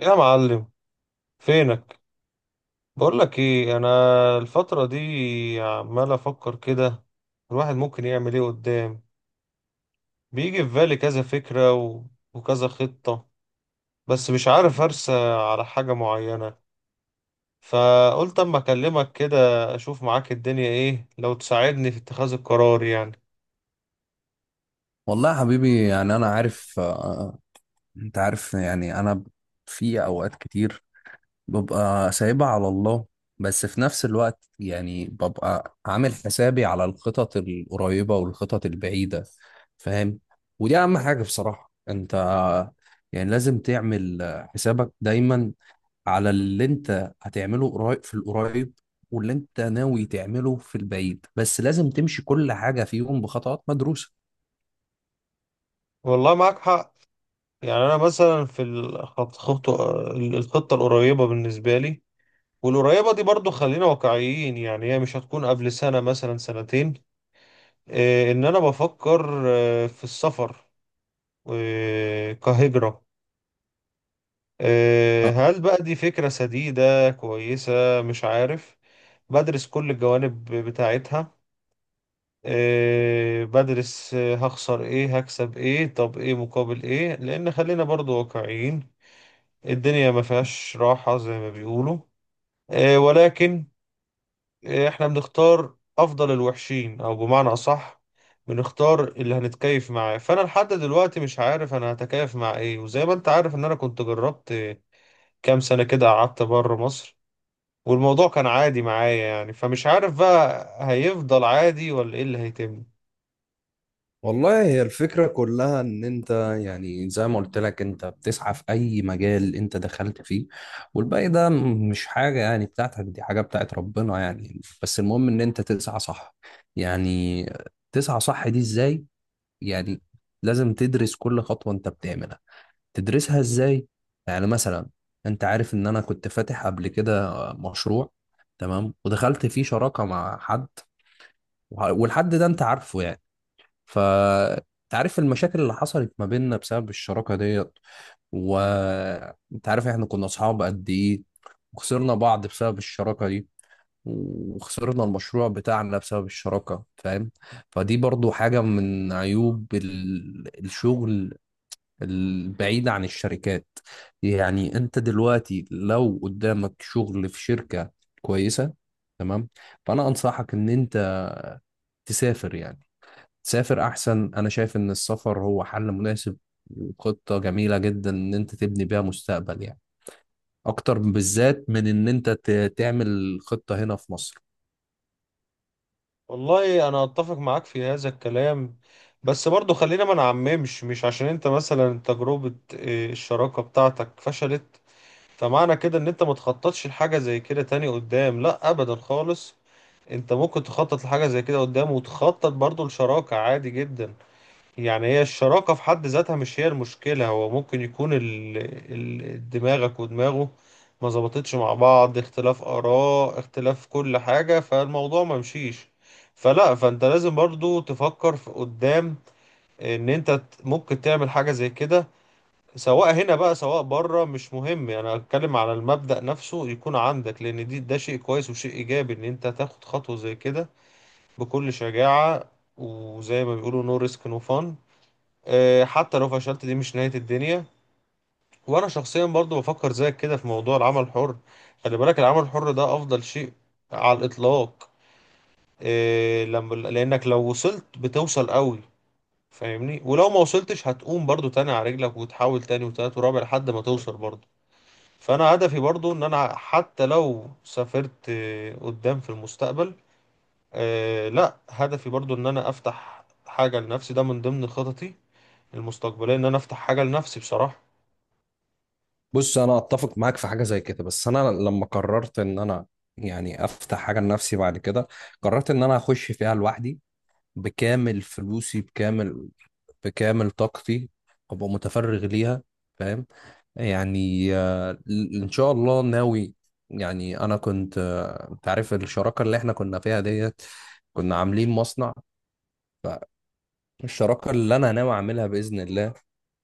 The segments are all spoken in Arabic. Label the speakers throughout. Speaker 1: يا معلم، فينك؟ بقول لك ايه، انا الفترة دي عمال افكر كده. الواحد ممكن يعمل ايه قدام؟ بيجي في بالي كذا فكرة وكذا خطة. بس مش عارف ارسى على حاجة معينة، فقلت اما اكلمك كده اشوف معاك الدنيا ايه، لو تساعدني في اتخاذ القرار يعني.
Speaker 2: والله يا حبيبي، يعني انا عارف انت عارف. يعني انا في اوقات كتير ببقى سايبها على الله، بس في نفس الوقت يعني ببقى عامل حسابي على الخطط القريبة والخطط البعيدة، فاهم. ودي اهم حاجة بصراحة، انت يعني لازم تعمل حسابك دايما على اللي انت هتعمله قريب في القريب، واللي انت ناوي تعمله في البعيد، بس لازم تمشي كل حاجة فيهم بخطوات مدروسة.
Speaker 1: والله معاك حق. يعني انا مثلا في الخطة القريبة بالنسبة لي. والقريبة دي برضو خلينا واقعيين، يعني هي مش هتكون قبل سنة، مثلا سنتين. ان انا بفكر في السفر، كهجرة. هل بقى دي فكرة سديدة كويسة؟ مش عارف. بدرس كل الجوانب بتاعتها. بدرس، هخسر ايه، هكسب ايه، طب ايه مقابل ايه، لان خلينا برضو واقعيين. الدنيا ما فيهاش راحة زي ما بيقولوا. ولكن احنا بنختار افضل الوحشين، او بمعنى اصح بنختار اللي هنتكيف معاه. فانا لحد دلوقتي مش عارف انا هتكيف مع ايه. وزي ما انت عارف ان انا كنت جربت كام سنة كده، قعدت بره مصر والموضوع كان عادي معايا يعني، فمش عارف بقى هيفضل عادي ولا ايه اللي هيتم.
Speaker 2: والله، هي الفكرة كلها إن أنت، يعني زي ما قلت لك، أنت بتسعى في أي مجال أنت دخلت فيه، والباقي ده مش حاجة يعني بتاعتك، دي حاجة بتاعت ربنا يعني. بس المهم إن أنت تسعى صح. يعني تسعى صح دي إزاي؟ يعني لازم تدرس كل خطوة أنت بتعملها. تدرسها إزاي؟ يعني مثلا، أنت عارف إن أنا كنت فاتح قبل كده مشروع، تمام، ودخلت فيه شراكة مع حد، والحد ده أنت عارفه يعني. فانت عارف المشاكل اللي حصلت ما بيننا بسبب الشراكة ديت، وانت عارف احنا كنا اصحاب قد ايه، وخسرنا بعض بسبب الشراكة دي، وخسرنا المشروع بتاعنا بسبب الشراكة، فاهم. فدي برضو حاجة من عيوب الشغل البعيد عن الشركات. يعني انت دلوقتي لو قدامك شغل في شركة كويسة، تمام، فانا انصحك ان انت تسافر. يعني تسافر احسن. انا شايف ان السفر هو حل مناسب وخطة جميلة جدا ان انت تبني بيها مستقبل، يعني اكتر بالذات من ان انت تعمل خطة هنا في مصر.
Speaker 1: والله انا اتفق معاك في هذا الكلام. بس برضو خلينا ما نعممش. مش عشان انت مثلا تجربة إيه، الشراكة بتاعتك فشلت، فمعنى كده ان انت ما تخططش لحاجة زي كده تاني قدام. لا ابدا خالص. انت ممكن تخطط لحاجة زي كده قدام، وتخطط برضو لشراكة عادي جدا. يعني هي الشراكة في حد ذاتها مش هي المشكلة. هو ممكن يكون دماغك ودماغه ما ظبطتش مع بعض، اختلاف آراء، اختلاف كل حاجة، فالموضوع ما مشيش. فلا، فانت لازم برضو تفكر في قدام، ان انت ممكن تعمل حاجة زي كده. سواء هنا بقى سواء بره، مش مهم. يعني انا اتكلم على المبدأ نفسه يكون عندك، لان ده شيء كويس وشيء ايجابي ان انت تاخد خطوة زي كده بكل شجاعة. وزي ما بيقولوا نو ريسك نو فان. حتى لو فشلت دي مش نهاية الدنيا. وانا شخصيا برضو بفكر زيك كده في موضوع العمل الحر. خلي بالك، العمل الحر ده افضل شيء على الاطلاق. آه، لما لانك لو وصلت بتوصل قوي، فاهمني؟ ولو ما وصلتش هتقوم برضو تاني على رجلك، وتحاول تاني وتالت ورابع لحد ما توصل برضو. فانا هدفي برضو ان انا حتى لو سافرت قدام في المستقبل، لا، هدفي برضو ان انا افتح حاجة لنفسي. ده من ضمن خططي المستقبلية، ان انا افتح حاجة لنفسي بصراحة.
Speaker 2: بص، انا اتفق معاك في حاجة زي كده، بس انا لما قررت ان انا يعني افتح حاجة لنفسي، بعد كده قررت ان انا اخش فيها لوحدي، بكامل فلوسي، بكامل طاقتي، ابقى متفرغ ليها، فاهم. يعني ان شاء الله ناوي. يعني انا كنت، انت عارف الشراكه اللي احنا كنا فيها ديت، كنا عاملين مصنع. فالشراكه اللي انا ناوي اعملها باذن الله،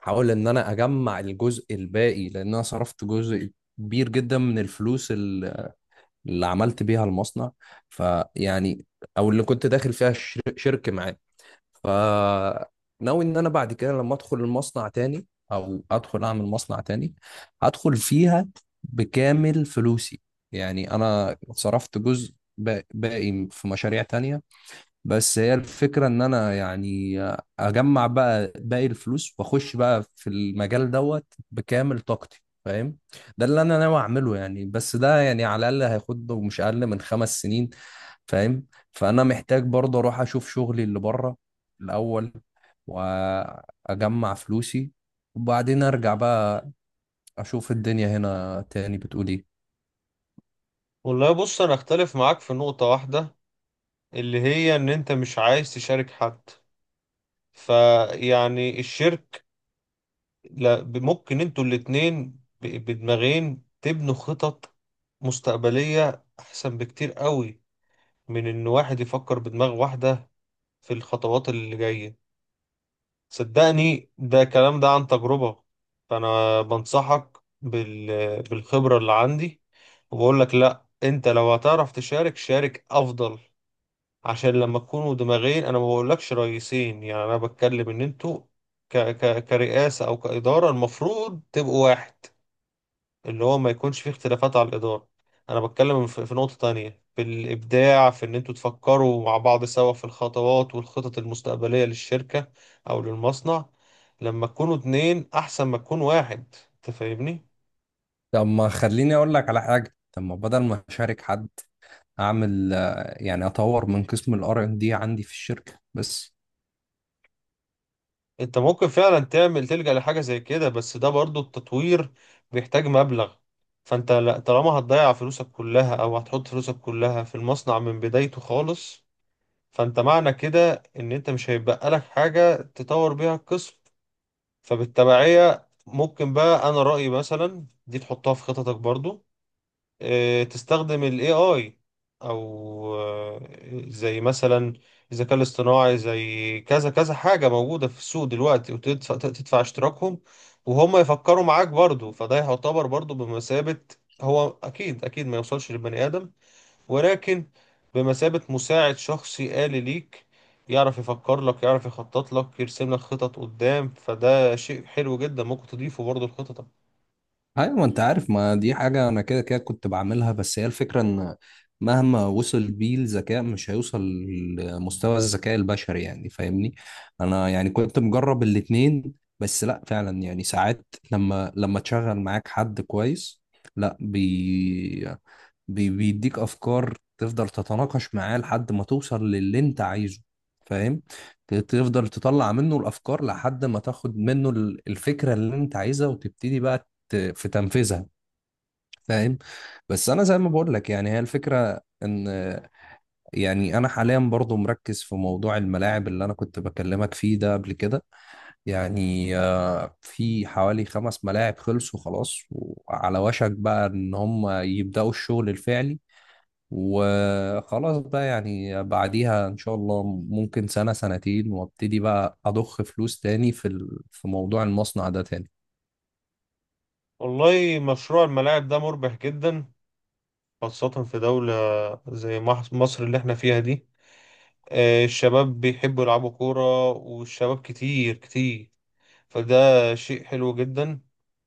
Speaker 2: هحاول ان انا اجمع الجزء الباقي، لان انا صرفت جزء كبير جدا من الفلوس اللي عملت بيها المصنع، فيعني او اللي كنت داخل فيها شرك معاه. فناوي ان انا بعد كده لما ادخل المصنع تاني، او ادخل اعمل مصنع تاني، هدخل فيها بكامل فلوسي. يعني انا صرفت جزء باقي في مشاريع تانية. بس هي الفكرة ان انا يعني اجمع بقى باقي الفلوس واخش بقى في المجال دوت بكامل طاقتي، فاهم. ده اللي انا ناوي اعمله يعني. بس ده يعني على الاقل هياخد له مش اقل من 5 سنين، فاهم. فانا محتاج برضه اروح اشوف شغلي اللي بره الاول، واجمع فلوسي، وبعدين ارجع بقى اشوف الدنيا هنا تاني بتقول ايه.
Speaker 1: والله بص، انا اختلف معاك في نقطة واحدة، اللي هي ان انت مش عايز تشارك حد. فيعني لا، ممكن انتوا الاتنين بدماغين تبنوا خطط مستقبلية احسن بكتير قوي، من ان واحد يفكر بدماغ واحدة في الخطوات اللي جاية. صدقني ده كلام، ده عن تجربة. فأنا بنصحك بالخبرة اللي عندي، وبقول لك لا، انت لو هتعرف تشارك شارك افضل. عشان لما تكونوا دماغين، انا ما بقولكش رئيسين، يعني انا بتكلم ان انتوا كرئاسة او كإدارة، المفروض تبقوا واحد. اللي هو ما يكونش فيه اختلافات على الإدارة. أنا بتكلم في نقطة تانية، في الإبداع، في إن أنتوا تفكروا مع بعض سوا في الخطوات والخطط المستقبلية للشركة أو للمصنع. لما تكونوا اتنين أحسن ما تكون واحد. أنت فاهمني؟
Speaker 2: طب ما خليني اقول لك على حاجة. طب ما بدل ما اشارك حد، اعمل، يعني اطور من قسم الار ان دي عندي في الشركه بس.
Speaker 1: أنت ممكن فعلا تلجأ لحاجة زي كده، بس ده برضو التطوير بيحتاج مبلغ. فأنت طالما هتضيع فلوسك كلها أو هتحط فلوسك كلها في المصنع من بدايته خالص، فأنت معنى كده إن أنت مش هيبقى لك حاجة تطور بيها القسم. فبالتبعية ممكن بقى، أنا رأيي مثلا دي تحطها في خططك برضو. تستخدم ال AI، أو زي مثلا الذكاء الاصطناعي، زي كذا كذا حاجة موجودة في السوق دلوقتي، وتدفع اشتراكهم، وهم يفكروا معاك برضو. فده يعتبر برضو بمثابة، هو أكيد أكيد ما يوصلش للبني آدم، ولكن بمثابة مساعد شخصي آلي ليك. يعرف يفكر لك، يعرف يخطط لك، يرسم لك خطط قدام. فده شيء حلو جدا، ممكن تضيفه برضه لخططك.
Speaker 2: ايوه، ما انت عارف، ما دي حاجه انا كده كده كنت بعملها. بس هي الفكره ان مهما وصل بيه الذكاء مش هيوصل لمستوى الذكاء البشري، يعني فاهمني. انا يعني كنت مجرب الاتنين. بس لا، فعلا يعني ساعات لما تشغل معاك حد كويس، لا بيديك افكار، تفضل تتناقش معاه لحد ما توصل للي انت عايزه، فاهم. تفضل تطلع منه الافكار لحد ما تاخد منه الفكره اللي انت عايزها، وتبتدي بقى في تنفيذها، فاهم. بس انا زي ما بقول لك، يعني هي الفكره ان، يعني انا حاليا برضو مركز في موضوع الملاعب اللي انا كنت بكلمك فيه ده قبل كده. يعني في حوالي 5 ملاعب خلصوا خلاص وعلى وشك بقى ان هم يبداوا الشغل الفعلي، وخلاص بقى يعني بعديها ان شاء الله ممكن سنة سنتين وابتدي بقى اضخ فلوس تاني في في موضوع المصنع ده تاني.
Speaker 1: والله مشروع الملاعب ده مربح جدا، خاصة في دولة زي مصر اللي احنا فيها دي. الشباب بيحبوا يلعبوا كورة، والشباب كتير كتير، فده شيء حلو جدا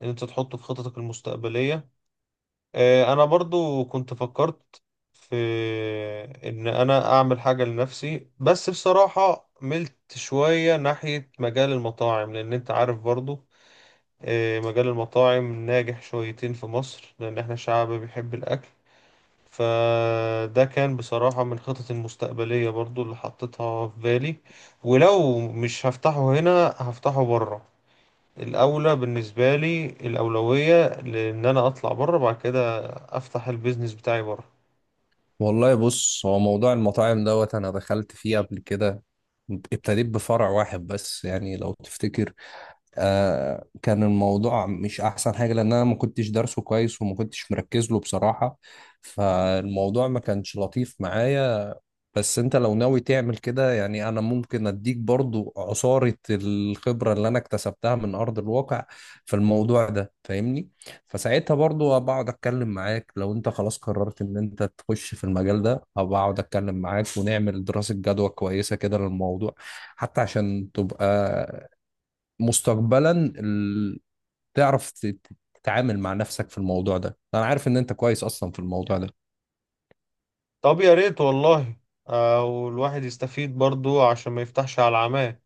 Speaker 1: ان انت تحطه في خططك المستقبلية. انا برضو كنت فكرت في ان انا اعمل حاجة لنفسي، بس بصراحة ملت شوية ناحية مجال المطاعم، لان انت عارف برضو. مجال المطاعم ناجح شويتين في مصر، لان احنا شعب بيحب الاكل. فده كان بصراحة من خطط المستقبلية برضو اللي حطيتها في بالي. ولو مش هفتحه هنا هفتحه بره. الأولى بالنسبة لي، الأولوية لإن أنا أطلع بره بعد كده أفتح البيزنس بتاعي بره.
Speaker 2: والله بص، هو موضوع المطاعم دوت انا دخلت فيه قبل كده، ابتديت بفرع واحد بس يعني، لو تفتكر، كان الموضوع مش احسن حاجة، لان انا ما كنتش دارسه كويس وما كنتش مركز له بصراحة، فالموضوع ما كانش لطيف معايا. بس انت لو ناوي تعمل كده، يعني انا ممكن اديك برضو عصارة الخبرة اللي انا اكتسبتها من ارض الواقع في الموضوع ده، فاهمني. فساعتها برضو بقعد اتكلم معاك. لو انت خلاص قررت ان انت تخش في المجال ده، هبقعد اتكلم معاك ونعمل دراسة جدوى كويسة كده للموضوع، حتى عشان تبقى مستقبلا، ال- تعرف تتعامل مع نفسك في الموضوع ده. انا عارف ان انت كويس اصلا في الموضوع ده.
Speaker 1: طب يا ريت والله. والواحد يستفيد برضو، عشان ما يفتحش على العماه.